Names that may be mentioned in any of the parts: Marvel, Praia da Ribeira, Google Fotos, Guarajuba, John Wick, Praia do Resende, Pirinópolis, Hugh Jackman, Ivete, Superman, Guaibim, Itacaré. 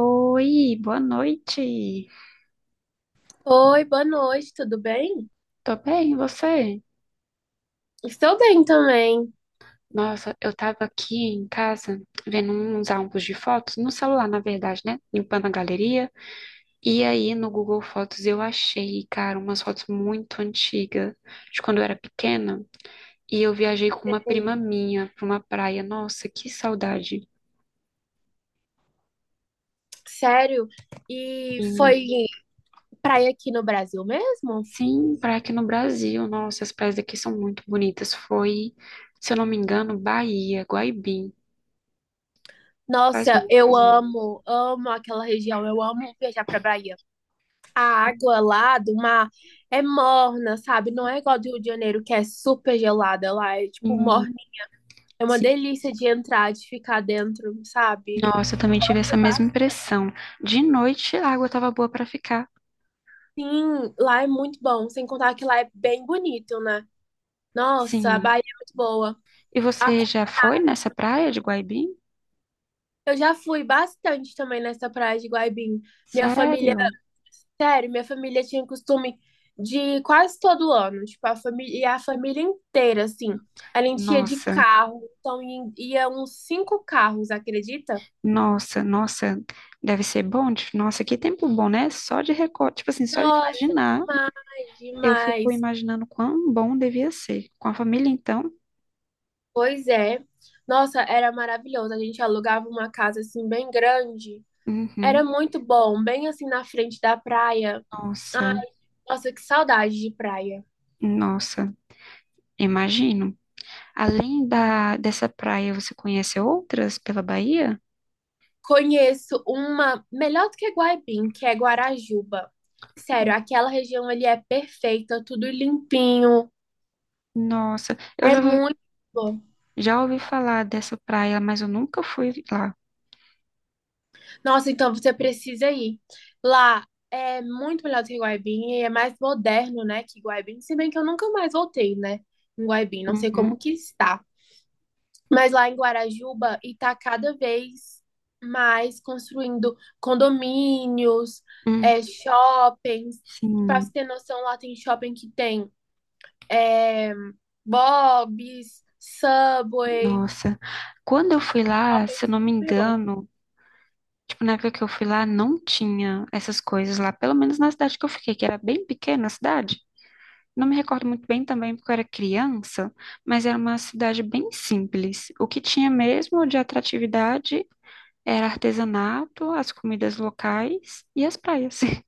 Oi, boa noite. Oi, boa noite, tudo bem? Tô bem, e você? Estou bem também. Nossa, eu tava aqui em casa vendo uns álbuns de fotos, no celular, na verdade, né? Limpando a galeria. E aí no Google Fotos eu achei, cara, umas fotos muito antigas, de quando eu era pequena. E eu viajei com uma prima Hum. minha pra uma praia. Nossa, que saudade. Sério? E foi Sim, praia aqui no Brasil mesmo? sim, praia aqui no Brasil. Nossa, as praias daqui são muito bonitas. Foi, se eu não me engano, Bahia, Guaibim. Faz Nossa, muitos eu anos. amo, amo aquela região, eu amo viajar pra Bahia. A água lá do mar é morna, sabe? Não é igual do Rio de Janeiro, que é super gelada lá, é tipo Sim. morna. É uma Sim. delícia de entrar, de ficar dentro, sabe? Nossa, eu também tive essa mesma impressão. De noite a água estava boa para ficar. Sim, lá é muito bom, sem contar que lá é bem bonito, né? Nossa, a Sim. Bahia é muito boa. E A você já foi nessa praia de Guaibim? Eu já fui bastante também nessa praia de Guaibim. Minha família, Sério? sério, minha família tinha costume de ir quase todo ano, tipo, a família, e a família inteira, assim. A gente ia de Nossa, carro, então ia uns cinco carros, acredita? nossa, nossa. Deve ser bom. Nossa, que tempo bom, né? Só de recorte, tipo assim, só de Nossa, imaginar, é eu fico demais. imaginando quão bom devia ser. Com a família, então? Pois é. Nossa, era maravilhoso. A gente alugava uma casa assim bem grande. Era Uhum. muito bom, bem assim na frente da praia. Ai, Nossa, nossa, que saudade de praia. nossa. Imagino. Além da dessa praia, você conhece outras pela Bahia? Conheço uma melhor do que Guaibim, que é Guarajuba. Sério, aquela região ali é perfeita, tudo limpinho. Nossa, eu É já muito bom. Já ouvi falar dessa praia, mas eu nunca fui lá. Nossa, então você precisa ir. Lá é muito melhor do que Guaibim e é mais moderno, né, que Guaibim. Se bem que eu nunca mais voltei, né, em Guaibim. Não sei como Uhum, que está. Mas lá em Guarajuba, e tá cada vez mais construindo condomínios, hum, é, shoppings. Pra você sim, ter noção, lá tem shopping que tem é, Bob's, Subway, nossa. Quando eu fui lá, shopping se eu não me super bom. engano, tipo, na época que eu fui lá, não tinha essas coisas lá, pelo menos na cidade que eu fiquei, que era bem pequena a cidade. Não me recordo muito bem também, porque eu era criança, mas era uma cidade bem simples. O que tinha mesmo de atratividade era artesanato, as comidas locais e as praias.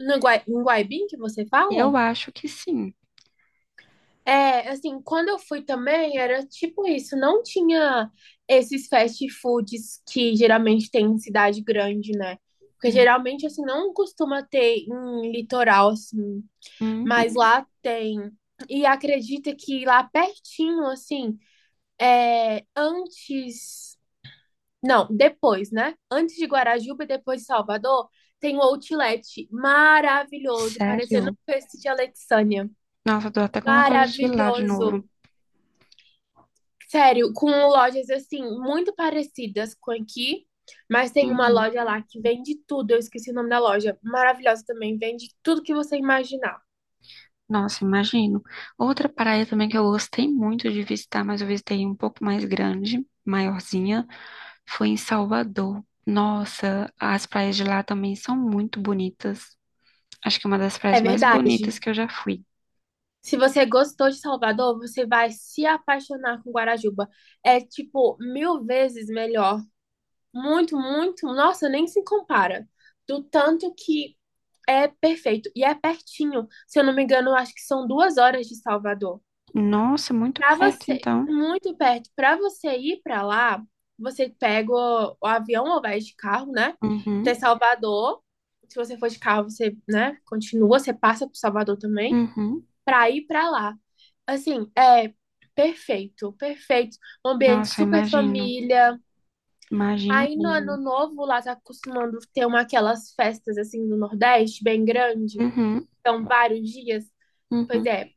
No Guai, em Guaibim que você fala? Eu acho que sim. É, assim, quando eu fui também, era tipo isso, não tinha esses fast foods que geralmente tem em cidade grande, né? Porque geralmente, assim, não costuma ter em litoral, assim, mas Uhum, lá tem. E acredita que lá pertinho, assim, é, antes. Não, depois, né? Antes de Guarajuba e depois de Salvador, tem um outlet maravilhoso, parecendo um sério? peixe de Alexandria. Nossa, eu tô até com vontade de ir lá de Maravilhoso. novo. Sério, com lojas assim, muito parecidas com aqui, mas tem uma Uhum. loja lá que vende tudo. Eu esqueci o nome da loja. Maravilhosa também, vende tudo que você imaginar. Nossa, imagino. Outra praia também que eu gostei muito de visitar, mas eu visitei um pouco mais grande, maiorzinha, foi em Salvador. Nossa, as praias de lá também são muito bonitas. Acho que é uma das praias É mais bonitas verdade. que eu já fui. Se você gostou de Salvador, você vai se apaixonar com Guarajuba. É tipo mil vezes melhor. Muito, muito. Nossa, nem se compara. Do tanto que é perfeito. E é pertinho. Se eu não me engano, eu acho que são 2 horas de Salvador. Nossa, muito Para perto, você, então. muito perto, para você ir para lá, você pega o avião ou vai de carro, né? Até Uhum, Salvador. Se você for de carro, você, né, continua, você passa por Salvador também, uhum. para ir para lá. Assim, é perfeito, perfeito. Um ambiente Nossa, super imagino. família. Imagino Aí no ano mesmo. novo lá tá acostumando ter uma aquelas festas assim do Nordeste, bem grande. Uhum, Então, vários dias. Pois uhum. é,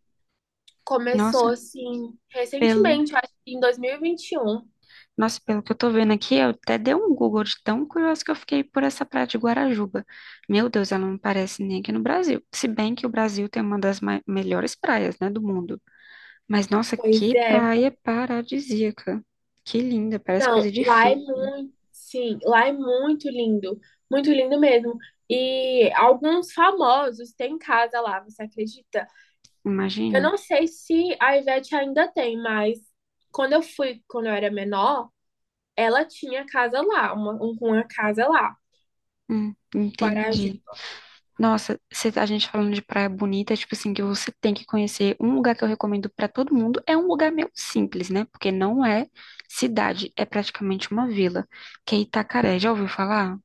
começou Nossa, assim pelo recentemente, acho que em 2021. Nossa, pelo que eu tô vendo aqui, eu até dei um Google de tão curioso que eu fiquei por essa praia de Guarajuba. Meu Deus, ela não parece nem aqui no Brasil. Se bem que o Brasil tem uma das melhores praias, né, do mundo. Mas nossa, Pois que é. praia paradisíaca. Que linda, parece coisa Não, de lá é filme, muito, sim, lá é muito lindo mesmo. E alguns famosos têm casa lá, você acredita? Eu imagino. não sei se a Ivete ainda tem, mas quando eu fui, quando eu era menor, ela tinha casa lá, uma casa lá, Guarajá. Entendi. Nossa, se a gente falando de praia bonita, tipo assim, que você tem que conhecer, um lugar que eu recomendo pra todo mundo é um lugar meio simples, né? Porque não é cidade, é praticamente uma vila, que é Itacaré. Já ouviu falar?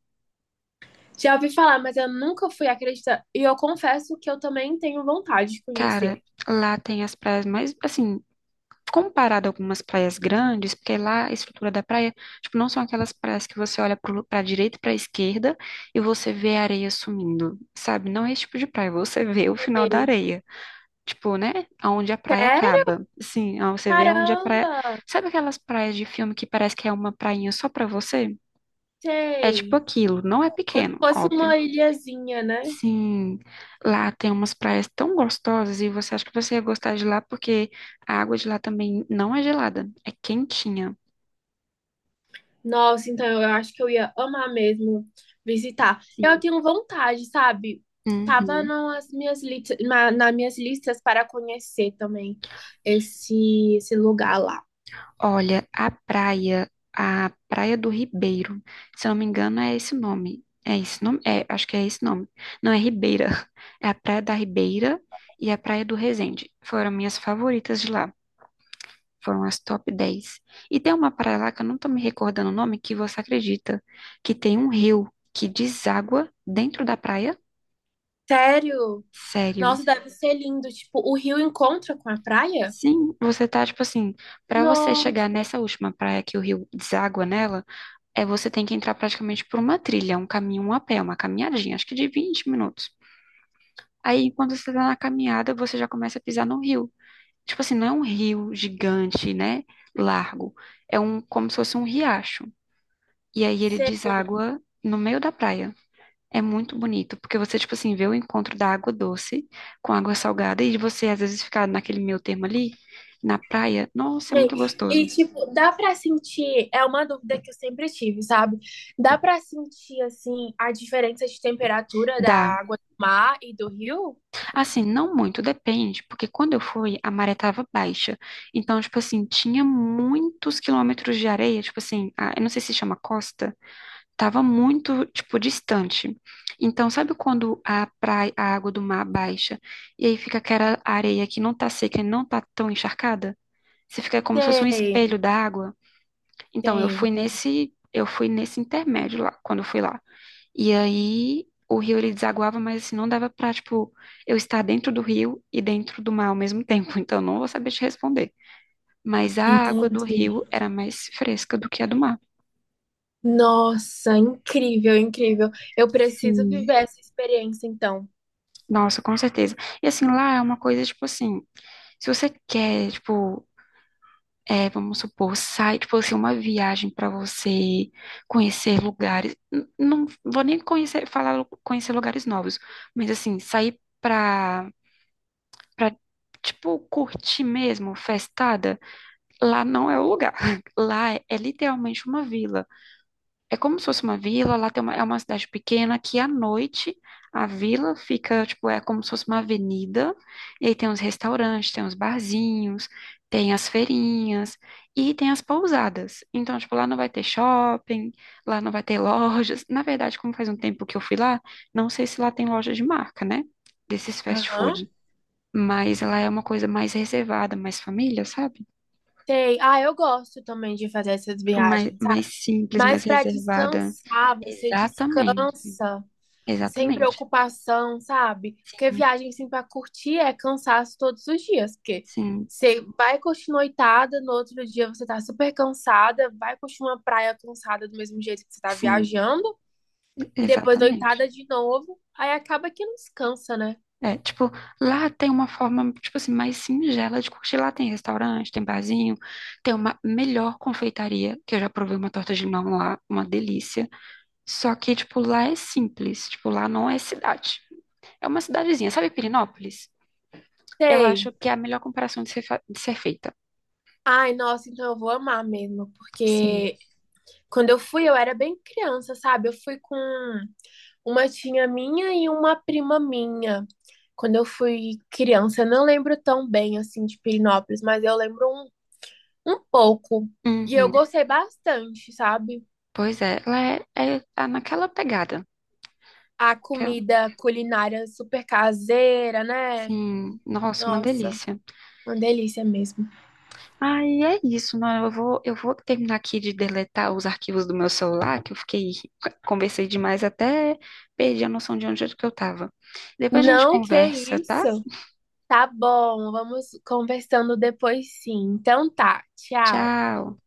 Já ouvi falar, mas eu nunca fui, acredita? E eu confesso que eu também tenho vontade de conhecer. Cara, lá tem as praias mais, assim, comparado a algumas praias grandes, porque lá a estrutura da praia, tipo, não são aquelas praias que você olha pra direita e pra esquerda e você vê a areia sumindo, sabe? Não é esse tipo de praia, você vê o final da Sei. areia. Tipo, né? Aonde a praia Sério? acaba. Sim, ah, você vê onde a praia. Caramba! Sabe aquelas praias de filme que parece que é uma prainha só pra você? É Sei. tipo aquilo, não é Como se pequeno, fosse óbvio. uma ilhazinha, né? Sim, lá tem umas praias tão gostosas e você acha que você ia gostar de lá porque a água de lá também não é gelada, é quentinha. Nossa, então eu acho que eu ia amar mesmo visitar. Eu Sim. tenho vontade, sabe? Tava Uhum. nas minhas listas para conhecer também esse lugar lá. Olha, a Praia do Ribeiro, se eu não me engano, é esse o nome. É esse nome? É, acho que é esse nome. Não é Ribeira. É a Praia da Ribeira e a Praia do Resende. Foram minhas favoritas de lá. Foram as top 10. E tem uma praia lá que eu não tô me recordando o nome, que você acredita, que tem um rio que deságua dentro da praia? Sério? Sério. Nossa, deve ser lindo. Tipo, o rio encontra com a praia? Sim, você tá tipo assim, pra você chegar Nossa. nessa última praia que o rio deságua nela, é você tem que entrar praticamente por uma trilha, um caminho um a pé, uma caminhadinha, acho que de 20 minutos. Aí, enquanto você tá na caminhada, você já começa a pisar no rio. Tipo assim, não é um rio gigante, né? Largo. É um, como se fosse um riacho. E aí ele Sei. deságua no meio da praia. É muito bonito, porque você, tipo assim, vê o encontro da água doce com água salgada e você, às vezes, ficar naquele meio termo ali, na praia. Nossa, é muito gostoso. E, tipo, dá pra sentir, é uma dúvida que eu sempre tive, sabe? Dá pra sentir, assim, a diferença de temperatura da Dá, água do mar e do rio? assim, não muito, depende, porque quando eu fui, a maré tava baixa. Então, tipo assim, tinha muitos quilômetros de areia, tipo assim, eu não sei se chama costa, tava muito, tipo, distante. Então, sabe quando a praia, a água do mar baixa, e aí fica aquela areia que não tá seca e não tá tão encharcada? Você fica como se fosse um Sei, espelho da água. Então, eu fui sei. nesse, eu fui nesse intermédio lá, quando eu fui lá. E aí o rio ele desaguava, mas assim, não dava pra, tipo, eu estar dentro do rio e dentro do mar ao mesmo tempo. Então não vou saber te responder. Mas a água do Entendi. rio era mais fresca do que a do mar. Nossa, incrível, incrível. Eu preciso Sim. viver essa experiência, então. Nossa, com certeza. E assim, lá é uma coisa, tipo assim, se você quer, tipo, é, vamos supor, sai, tipo assim, uma viagem pra você conhecer lugares. Não vou nem conhecer, falar conhecer lugares novos, mas assim, sair pra pra, tipo, curtir mesmo, festada, lá não é o lugar. Lá é literalmente uma vila. É como se fosse uma vila, é uma cidade pequena que à noite a vila fica, tipo, é como se fosse uma avenida, e aí tem uns restaurantes, tem uns barzinhos, tem as feirinhas e tem as pousadas. Então, tipo, lá não vai ter shopping, lá não vai ter lojas. Na verdade, como faz um tempo que eu fui lá, não sei se lá tem loja de marca, né? Desses fast Aham. food, mas ela é uma coisa mais reservada, mais família, sabe? Sei. Ah, eu gosto também de fazer essas Tipo, mais, viagens, sabe? mais simples, mais Mas para reservada. descansar, você Exatamente, descansa sem exatamente. preocupação, sabe? Porque Sim, viagem assim para curtir é cansaço todos os dias, porque sim, você vai curtir noitada, no outro dia você tá super cansada, vai curtir uma praia cansada do mesmo jeito que você tá sim, viajando. E depois exatamente. noitada de novo, aí acaba que não descansa, né? É, tipo, lá tem uma forma, tipo assim, mais singela de curtir. Lá tem restaurante, tem barzinho, tem uma melhor confeitaria, que eu já provei uma torta de limão lá, uma delícia. Só que, tipo, lá é simples, tipo, lá não é cidade. É uma cidadezinha, sabe Pirinópolis. Eu Sei. acho que é a melhor comparação de ser feita. Ai, nossa, então eu vou amar mesmo, Sim. porque quando eu fui, eu era bem criança, sabe? Eu fui com uma tia minha e uma prima minha. Quando eu fui criança, eu não lembro tão bem assim de Pirinópolis, mas eu lembro um pouco. E eu Uhum. gostei bastante, sabe? Pois é, ela tá naquela pegada. A Que comida culinária super caseira, né? sim, nossa, uma Nossa, delícia. uma delícia mesmo. Aí é isso, mano. Eu vou terminar aqui de deletar os arquivos do meu celular, que eu fiquei, conversei demais até perdi a noção de onde é que eu tava. Depois a gente Não, que conversa, tá? isso. Tá bom, vamos conversando depois sim. Então tá, tchau. Tchau.